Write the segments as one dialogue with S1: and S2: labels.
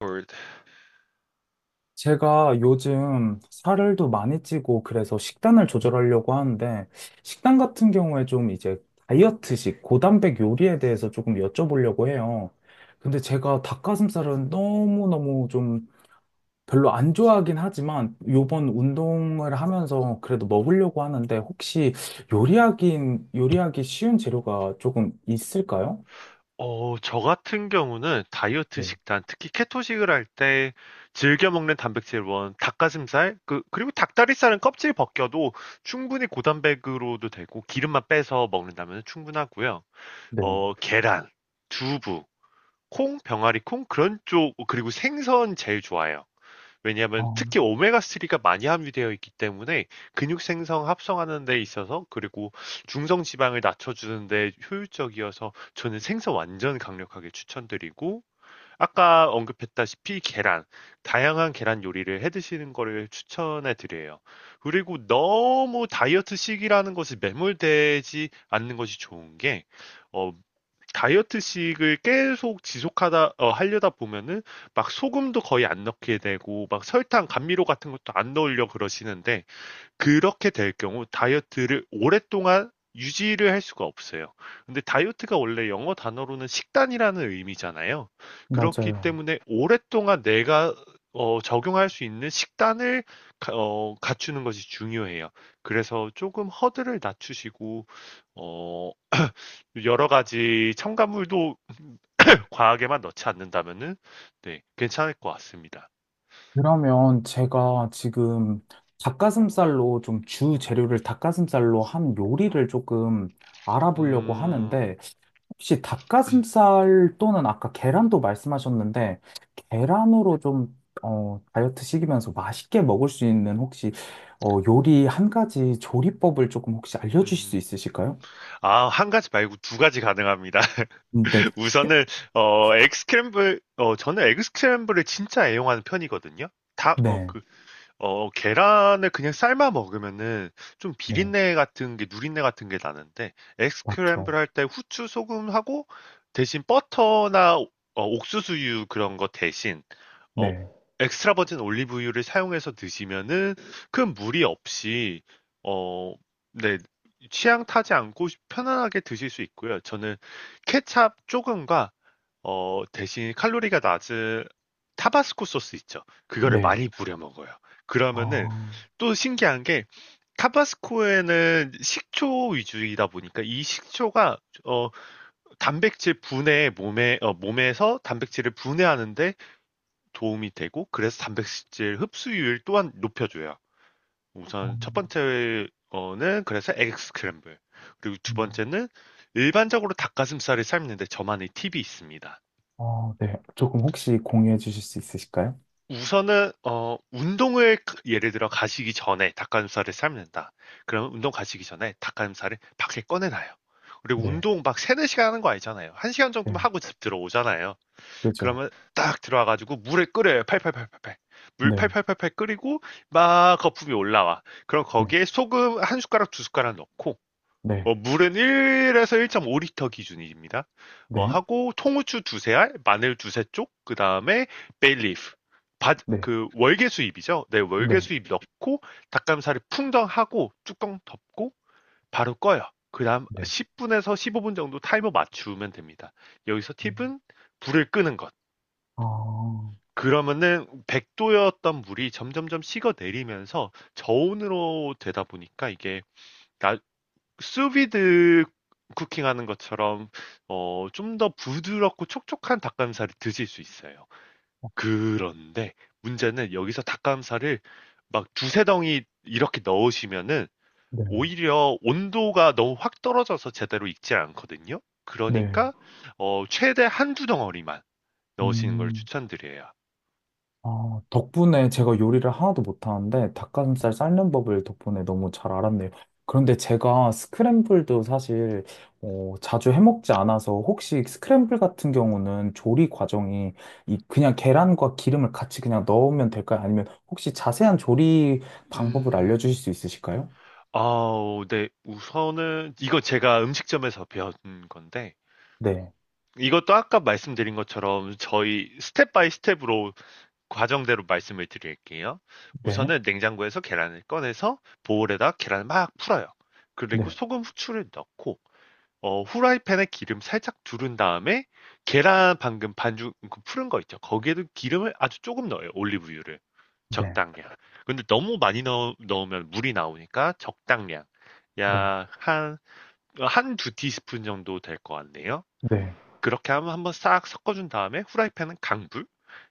S1: 홀드.
S2: 제가 요즘 살을 도 많이 찌고 그래서 식단을 조절하려고 하는데 식단 같은 경우에 좀 이제 다이어트식 고단백 요리에 대해서 조금 여쭤보려고 해요. 근데 제가 닭가슴살은 너무너무 좀 별로 안 좋아하긴 하지만 요번 운동을 하면서 그래도 먹으려고 하는데 혹시 요리하기 요리하기 쉬운 재료가 조금 있을까요?
S1: 저 같은 경우는 다이어트
S2: 네.
S1: 식단, 특히 케토식을 할 때 즐겨 먹는 단백질 원, 닭가슴살, 그리고 닭다리살은 껍질 벗겨도 충분히 고단백으로도 되고 기름만 빼서 먹는다면 충분하고요.
S2: 네.
S1: 계란, 두부, 콩, 병아리 콩, 그런 쪽, 그리고 생선 제일 좋아요.
S2: 아,
S1: 왜냐하면 특히 오메가3가 많이 함유되어 있기 때문에 근육 생성 합성하는 데 있어서 그리고 중성 지방을 낮춰주는 데 효율적이어서 저는 생선 완전 강력하게 추천드리고 아까 언급했다시피 계란 다양한 계란 요리를 해 드시는 거를 추천해 드려요. 그리고 너무 다이어트식이라는 것을 매몰되지 않는 것이 좋은 게 어, 다이어트식을 계속 지속하다 하려다 보면은 막 소금도 거의 안 넣게 되고 막 설탕, 감미료 같은 것도 안 넣으려 그러시는데 그렇게 될 경우 다이어트를 오랫동안 유지를 할 수가 없어요. 근데 다이어트가 원래 영어 단어로는 식단이라는 의미잖아요. 그렇기
S2: 맞아요.
S1: 때문에 오랫동안 내가 적용할 수 있는 식단을 갖추는 것이 중요해요. 그래서 조금 허들을 낮추시고 어, 여러 가지 첨가물도 과하게만 넣지 않는다면은 네, 괜찮을 것 같습니다.
S2: 그러면 제가 지금 닭가슴살로 좀 주 재료를 닭가슴살로 한 요리를 조금 알아보려고
S1: 음,
S2: 하는데 혹시 닭가슴살 또는 아까 계란도 말씀하셨는데 계란으로 좀 다이어트 시키면서 맛있게 먹을 수 있는 혹시 요리 한 가지 조리법을 조금 혹시 알려주실 수
S1: 음.
S2: 있으실까요?
S1: 아, 한 가지 말고 두 가지 가능합니다.
S2: 네,
S1: 우선은 에그스크램블 저는 에그스크램블을 진짜 애용하는 편이거든요. 다, 어,
S2: 네,
S1: 그, 어, 계란을 그냥 삶아 먹으면은 좀
S2: 네,
S1: 비린내 같은 게, 누린내 같은 게 나는데, 에스크램블
S2: 맞죠.
S1: 할 때 후추, 소금하고 대신 버터나 옥수수유 그런 거 대신 어,
S2: 네,
S1: 엑스트라 버진 올리브유를 사용해서 드시면은 큰 무리 없이 어, 네, 취향 타지 않고 편안하게 드실 수 있고요. 저는 케찹 조금과 대신 칼로리가 낮은 타바스코 소스 있죠. 그거를
S2: 네.
S1: 많이 뿌려 먹어요.
S2: 아,
S1: 그러면은
S2: 어,
S1: 또 신기한 게 타바스코에는 식초 위주이다 보니까 이 식초가 어, 단백질 분해 몸에 몸에서 단백질을 분해하는데 도움이 되고 그래서 단백질 흡수율 또한 높여줘요. 우선 첫 번째는 그래서 에그 스크램블. 그리고 두
S2: 음.
S1: 번째는 일반적으로 닭가슴살을 삶는데 저만의 팁이 있습니다.
S2: 아, 네. 조금 혹시 공유해 주실 수 있으실까요?
S1: 우선은 운동을 그 예를 들어 가시기 전에 닭가슴살을 삶는다. 그러면 운동 가시기 전에 닭가슴살을 밖에 꺼내놔요. 그리고
S2: 네,
S1: 운동 막 3, 4시간 하는 거 아니잖아요. 1시간 정도만
S2: 네,
S1: 하고 집 들어오잖아요.
S2: 그죠.
S1: 그러면 딱 들어와가지고 물을 끓여요. 팔팔팔팔팔. 물
S2: 네,
S1: 팔팔팔팔 끓이고 막 거품이 올라와. 그럼
S2: 네,
S1: 거기에 소금 한 숟가락 두 숟가락 넣고
S2: 네,
S1: 물은 1에서 1.5리터 기준입니다.
S2: 네,
S1: 하고 통후추 두세 알, 마늘 두세 쪽, 그 다음에 베일리프.
S2: 네,
S1: 그 월계수잎이죠. 네,
S2: 네,
S1: 월계수잎 넣고 닭가슴살을 풍덩하고 뚜껑 덮고 바로 꺼요. 그 다음
S2: 네.
S1: 10분에서 15분 정도 타이머 맞추면 됩니다. 여기서
S2: 음,
S1: 팁은 불을 끄는 것.
S2: 아,
S1: 그러면은 백도 였던 물이 점점점 식어 내리면서 저온으로 되다 보니까 이게 나 수비드 쿠킹하는 것처럼 좀 더 부드럽고 촉촉한 닭가슴살을 드실 수 있어요. 그런데 문제는 여기서 닭가슴살을 막 두세 덩이 이렇게 넣으시면은
S2: 네,
S1: 오히려 온도가 너무 확 떨어져서 제대로 익지 않거든요.
S2: 네.
S1: 그러니까 최대 한두 덩어리만 넣으시는 걸
S2: 음.
S1: 추천드려요.
S2: 아, 덕분에 제가 요리를 하나도 못하는데 닭가슴살 삶는 법을 덕분에 너무 잘 알았네요. 그런데 제가 스크램블도 사실 자주 해먹지 않아서 혹시 스크램블 같은 경우는 조리 과정이 이 그냥 계란과 기름을 같이 그냥 넣으면 될까요? 아니면 혹시 자세한 조리 방법을 알려주실
S1: 음,
S2: 수 있으실까요?
S1: 아우 네. 우선은 이거 제가 음식점에서 배운 건데
S2: 네,
S1: 이것도 아까 말씀드린 것처럼 저희 스텝 바이 스텝으로 과정대로 말씀을 드릴게요.
S2: 네,
S1: 우선은 냉장고에서 계란을 꺼내서 보울에다 계란을 막 풀어요. 그리고
S2: 네,
S1: 소금, 후추를 넣고 어 후라이팬에 기름 살짝 두른 다음에 계란 방금 반죽 그 푸른 거 있죠. 거기에도 기름을 아주 조금 넣어요. 올리브유를.
S2: 네,
S1: 적당량. 근데 너무 많이 넣으면 물이 나오니까 적당량.
S2: 네,
S1: 약 한, 한두 티스푼 정도 될 것 같네요.
S2: 네, 네,
S1: 그렇게 하면 한번 싹 섞어준 다음에 후라이팬은 강불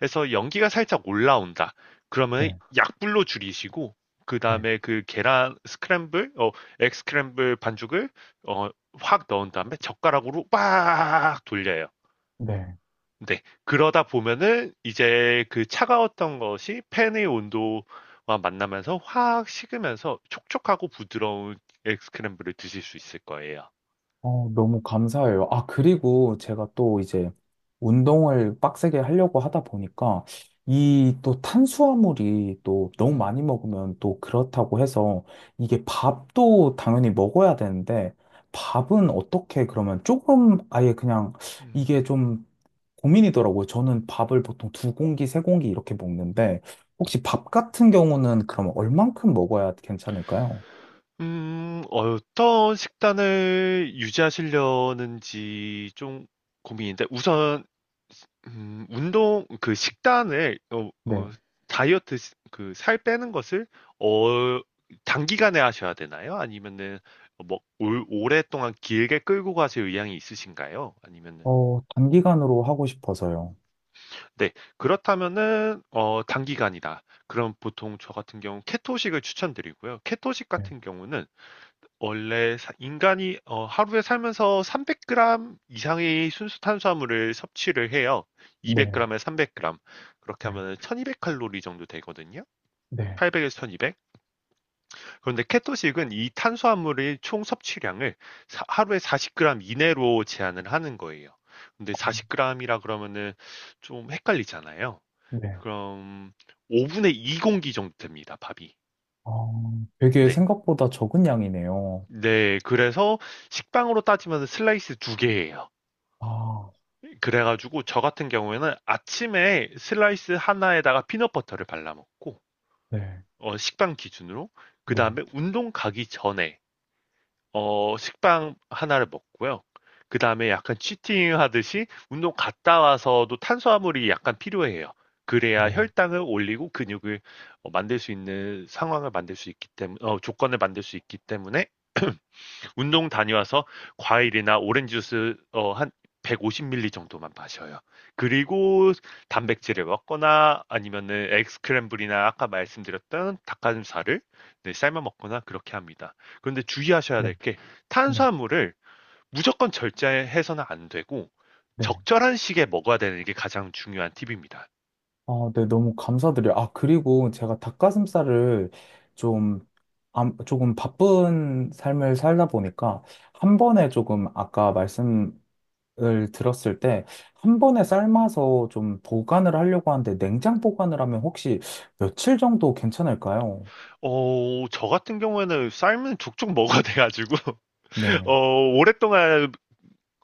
S1: 래서 연기가 살짝 올라온다. 그러면
S2: 네,
S1: 약불로 줄이시고 그
S2: 네.
S1: 다음에 그 계란 스크램블, egg 스크램블 반죽을 어, 확 넣은 다음에 젓가락으로 빡 돌려요.
S2: 네.
S1: 네. 그러다 보면은 이제 그 차가웠던 것이 팬의 온도와 만나면서 확 식으면서 촉촉하고 부드러운 엑 스크램블을 드실 수 있을 거예요.
S2: 어, 너무 감사해요. 아, 그리고 제가 또 이제 운동을 빡세게 하려고 하다 보니까 이 또 탄수화물이 또 너무
S1: 음,
S2: 많이 먹으면 또 그렇다고 해서 이게 밥도 당연히 먹어야 되는데 밥은 어떻게 그러면 조금 아예 그냥 이게
S1: 음.
S2: 좀 고민이더라고요. 저는 밥을 보통 두 공기, 세 공기 이렇게 먹는데 혹시 밥 같은 경우는 그럼 얼만큼 먹어야 괜찮을까요?
S1: 어떤 식단을 유지하시려는지 좀 고민인데, 우선, 운동, 그 식단을,
S2: 네.
S1: 다이어트, 살 빼는 것을, 어, 단기간에 하셔야 되나요? 아니면은, 오랫동안 길게 끌고 가실 의향이 있으신가요? 아니면은,
S2: 어, 단기간으로 하고 싶어서요.
S1: 네, 그렇다면은, 단기간이다. 그럼 보통 저 같은 경우 케토식을 추천드리고요. 케토식 같은 경우는 원래 인간이 하루에 살면서 300g 이상의 순수 탄수화물을 섭취를 해요.
S2: 네,
S1: 200g에 300g. 그렇게
S2: 네,
S1: 하면 1200칼로리 정도 되거든요.
S2: 네,
S1: 800에서 1200. 그런데 케토식은 이 탄수화물의 총 섭취량을 하루에 40g 이내로 제한을 하는 거예요. 근데
S2: 어,
S1: 40g이라 그러면은 좀 헷갈리잖아요.
S2: 네.
S1: 그럼 5분의 2 공기 정도 됩니다, 밥이.
S2: 어, 되게
S1: 네.
S2: 생각보다 적은 양이네요.
S1: 네, 그래서 식빵으로 따지면 슬라이스 두 개예요.
S2: 아,
S1: 그래가지고 저 같은 경우에는 아침에 슬라이스 하나에다가 피넛버터를 발라먹고
S2: 네,
S1: 식빵 기준으로 그
S2: 네,
S1: 다음에 운동 가기 전에 식빵 하나를 먹고요. 그 다음에 약간 치팅 하듯이 운동 갔다 와서도 탄수화물이 약간 필요해요. 그래야
S2: 네,
S1: 혈당을 올리고 근육을 만들 수 있는 상황을 만들 수 있기 때문에 조건을 만들 수 있기 때문에 운동 다녀와서 과일이나 오렌지 주스 한 150ml 정도만 마셔요. 그리고 단백질을 먹거나 아니면은 에스크램블이나 아까 말씀드렸던 닭가슴살을 네, 삶아 먹거나 그렇게 합니다. 그런데 주의하셔야
S2: 네,
S1: 될 게
S2: 네,
S1: 탄수화물을 무조건 절제해서는 안 되고
S2: 네.
S1: 적절한 시기에 먹어야 되는 게 가장 중요한 팁입니다.
S2: 아, 네, 너무 감사드려요. 아, 그리고 제가 닭가슴살을 좀, 조금 바쁜 삶을 살다 보니까 한 번에 조금 아까 말씀을 들었을 때 한 번에 삶아서 좀 보관을 하려고 하는데 냉장 보관을 하면 혹시 며칠 정도 괜찮을까요?
S1: 저 같은 경우에는 쌀은 족족 먹어야 돼가지고,
S2: 네.
S1: 오랫동안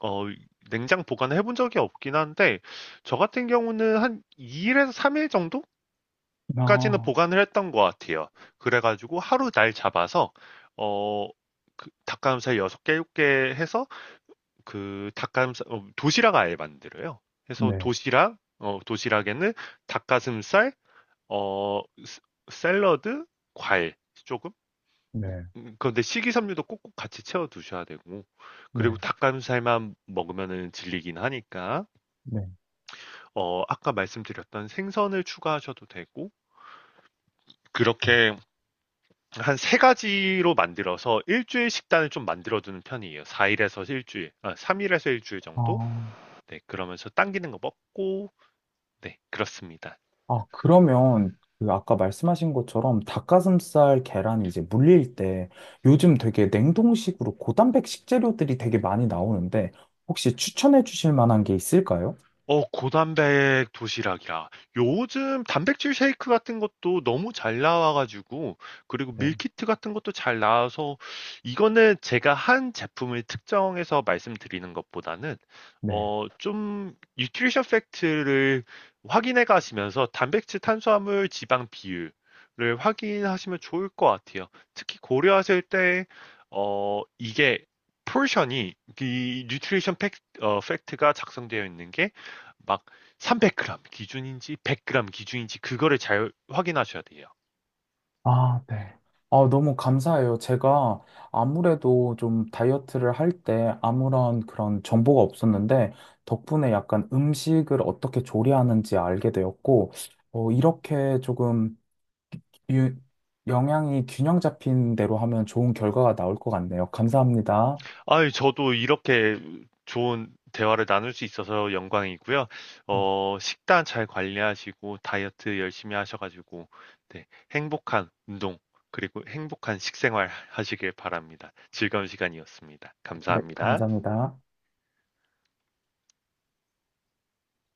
S1: 어, 냉장 보관해 본 적이 없긴 한데, 저 같은 경우는 한 2일에서 3일 정도까지는
S2: 아,
S1: 보관을 했던 것 같아요. 그래가지고 하루 날 잡아서, 어, 그 닭가슴살 6개, 7개 해서 그 닭가슴살, 도시락 아예 만들어요. 그래서
S2: 네.
S1: 도시락, 도시락에는 닭가슴살, 어, 스- 샐러드, 과일 조금?
S2: 네.
S1: 그런데 식이섬유도 꼭꼭 같이 채워 두셔야 되고, 그리고
S2: 네,
S1: 닭가슴살만 먹으면 질리긴 하니까.
S2: 네,
S1: 어 아까 말씀드렸던 생선을 추가하셔도 되고
S2: 네.
S1: 그렇게 한 세 가지로 만들어서 일 주일 식단을 좀 만들어 두는 편이에요. 4 일에서 일 주일, 아 3 일에서 일 주일
S2: 아,
S1: 정도? 네 그러면서 당기는 거 먹고 네 그렇습니다.
S2: 아, 그러면 그 아까 말씀하신 것처럼 닭가슴살 계란이 이제 물릴 때 요즘 되게 냉동식으로 고단백 식재료들이 되게 많이 나오는데 혹시 추천해 주실 만한 게 있을까요?
S1: 고단백 도시락이라. 요즘 단백질 쉐이크 같은 것도 너무 잘 나와가지고, 그리고
S2: 네,
S1: 밀키트 같은 것도 잘 나와서, 이거는 제가 한 제품을 특정해서 말씀드리는 것보다는,
S2: 네.
S1: 뉴트리션 팩트를 확인해 가시면서 단백질, 탄수화물, 지방 비율을 확인하시면 좋을 것 같아요. 특히 고려하실 때, 이게, 포션이, 이 뉴트리션 팩, 어, 팩트가 작성되어 있는 게 막 300g 기준인지 100g 기준인지 그거를 잘 확인하셔야 돼요.
S2: 아, 네. 아, 너무 감사해요. 제가 아무래도 좀 다이어트를 할 때 아무런 그런 정보가 없었는데 덕분에 약간 음식을 어떻게 조리하는지 알게 되었고 이렇게 조금 유, 영양이 균형 잡힌 대로 하면 좋은 결과가 나올 것 같네요. 감사합니다.
S1: 아유, 저도 이렇게 좋은 대화를 나눌 수 있어서 영광이고요.
S2: 음.
S1: 식단 잘 관리하시고 다이어트 열심히 하셔가지고 네, 행복한 운동 그리고 행복한 식생활 하시길 바랍니다. 즐거운 시간이었습니다.
S2: 네,
S1: 감사합니다.
S2: 감사합니다.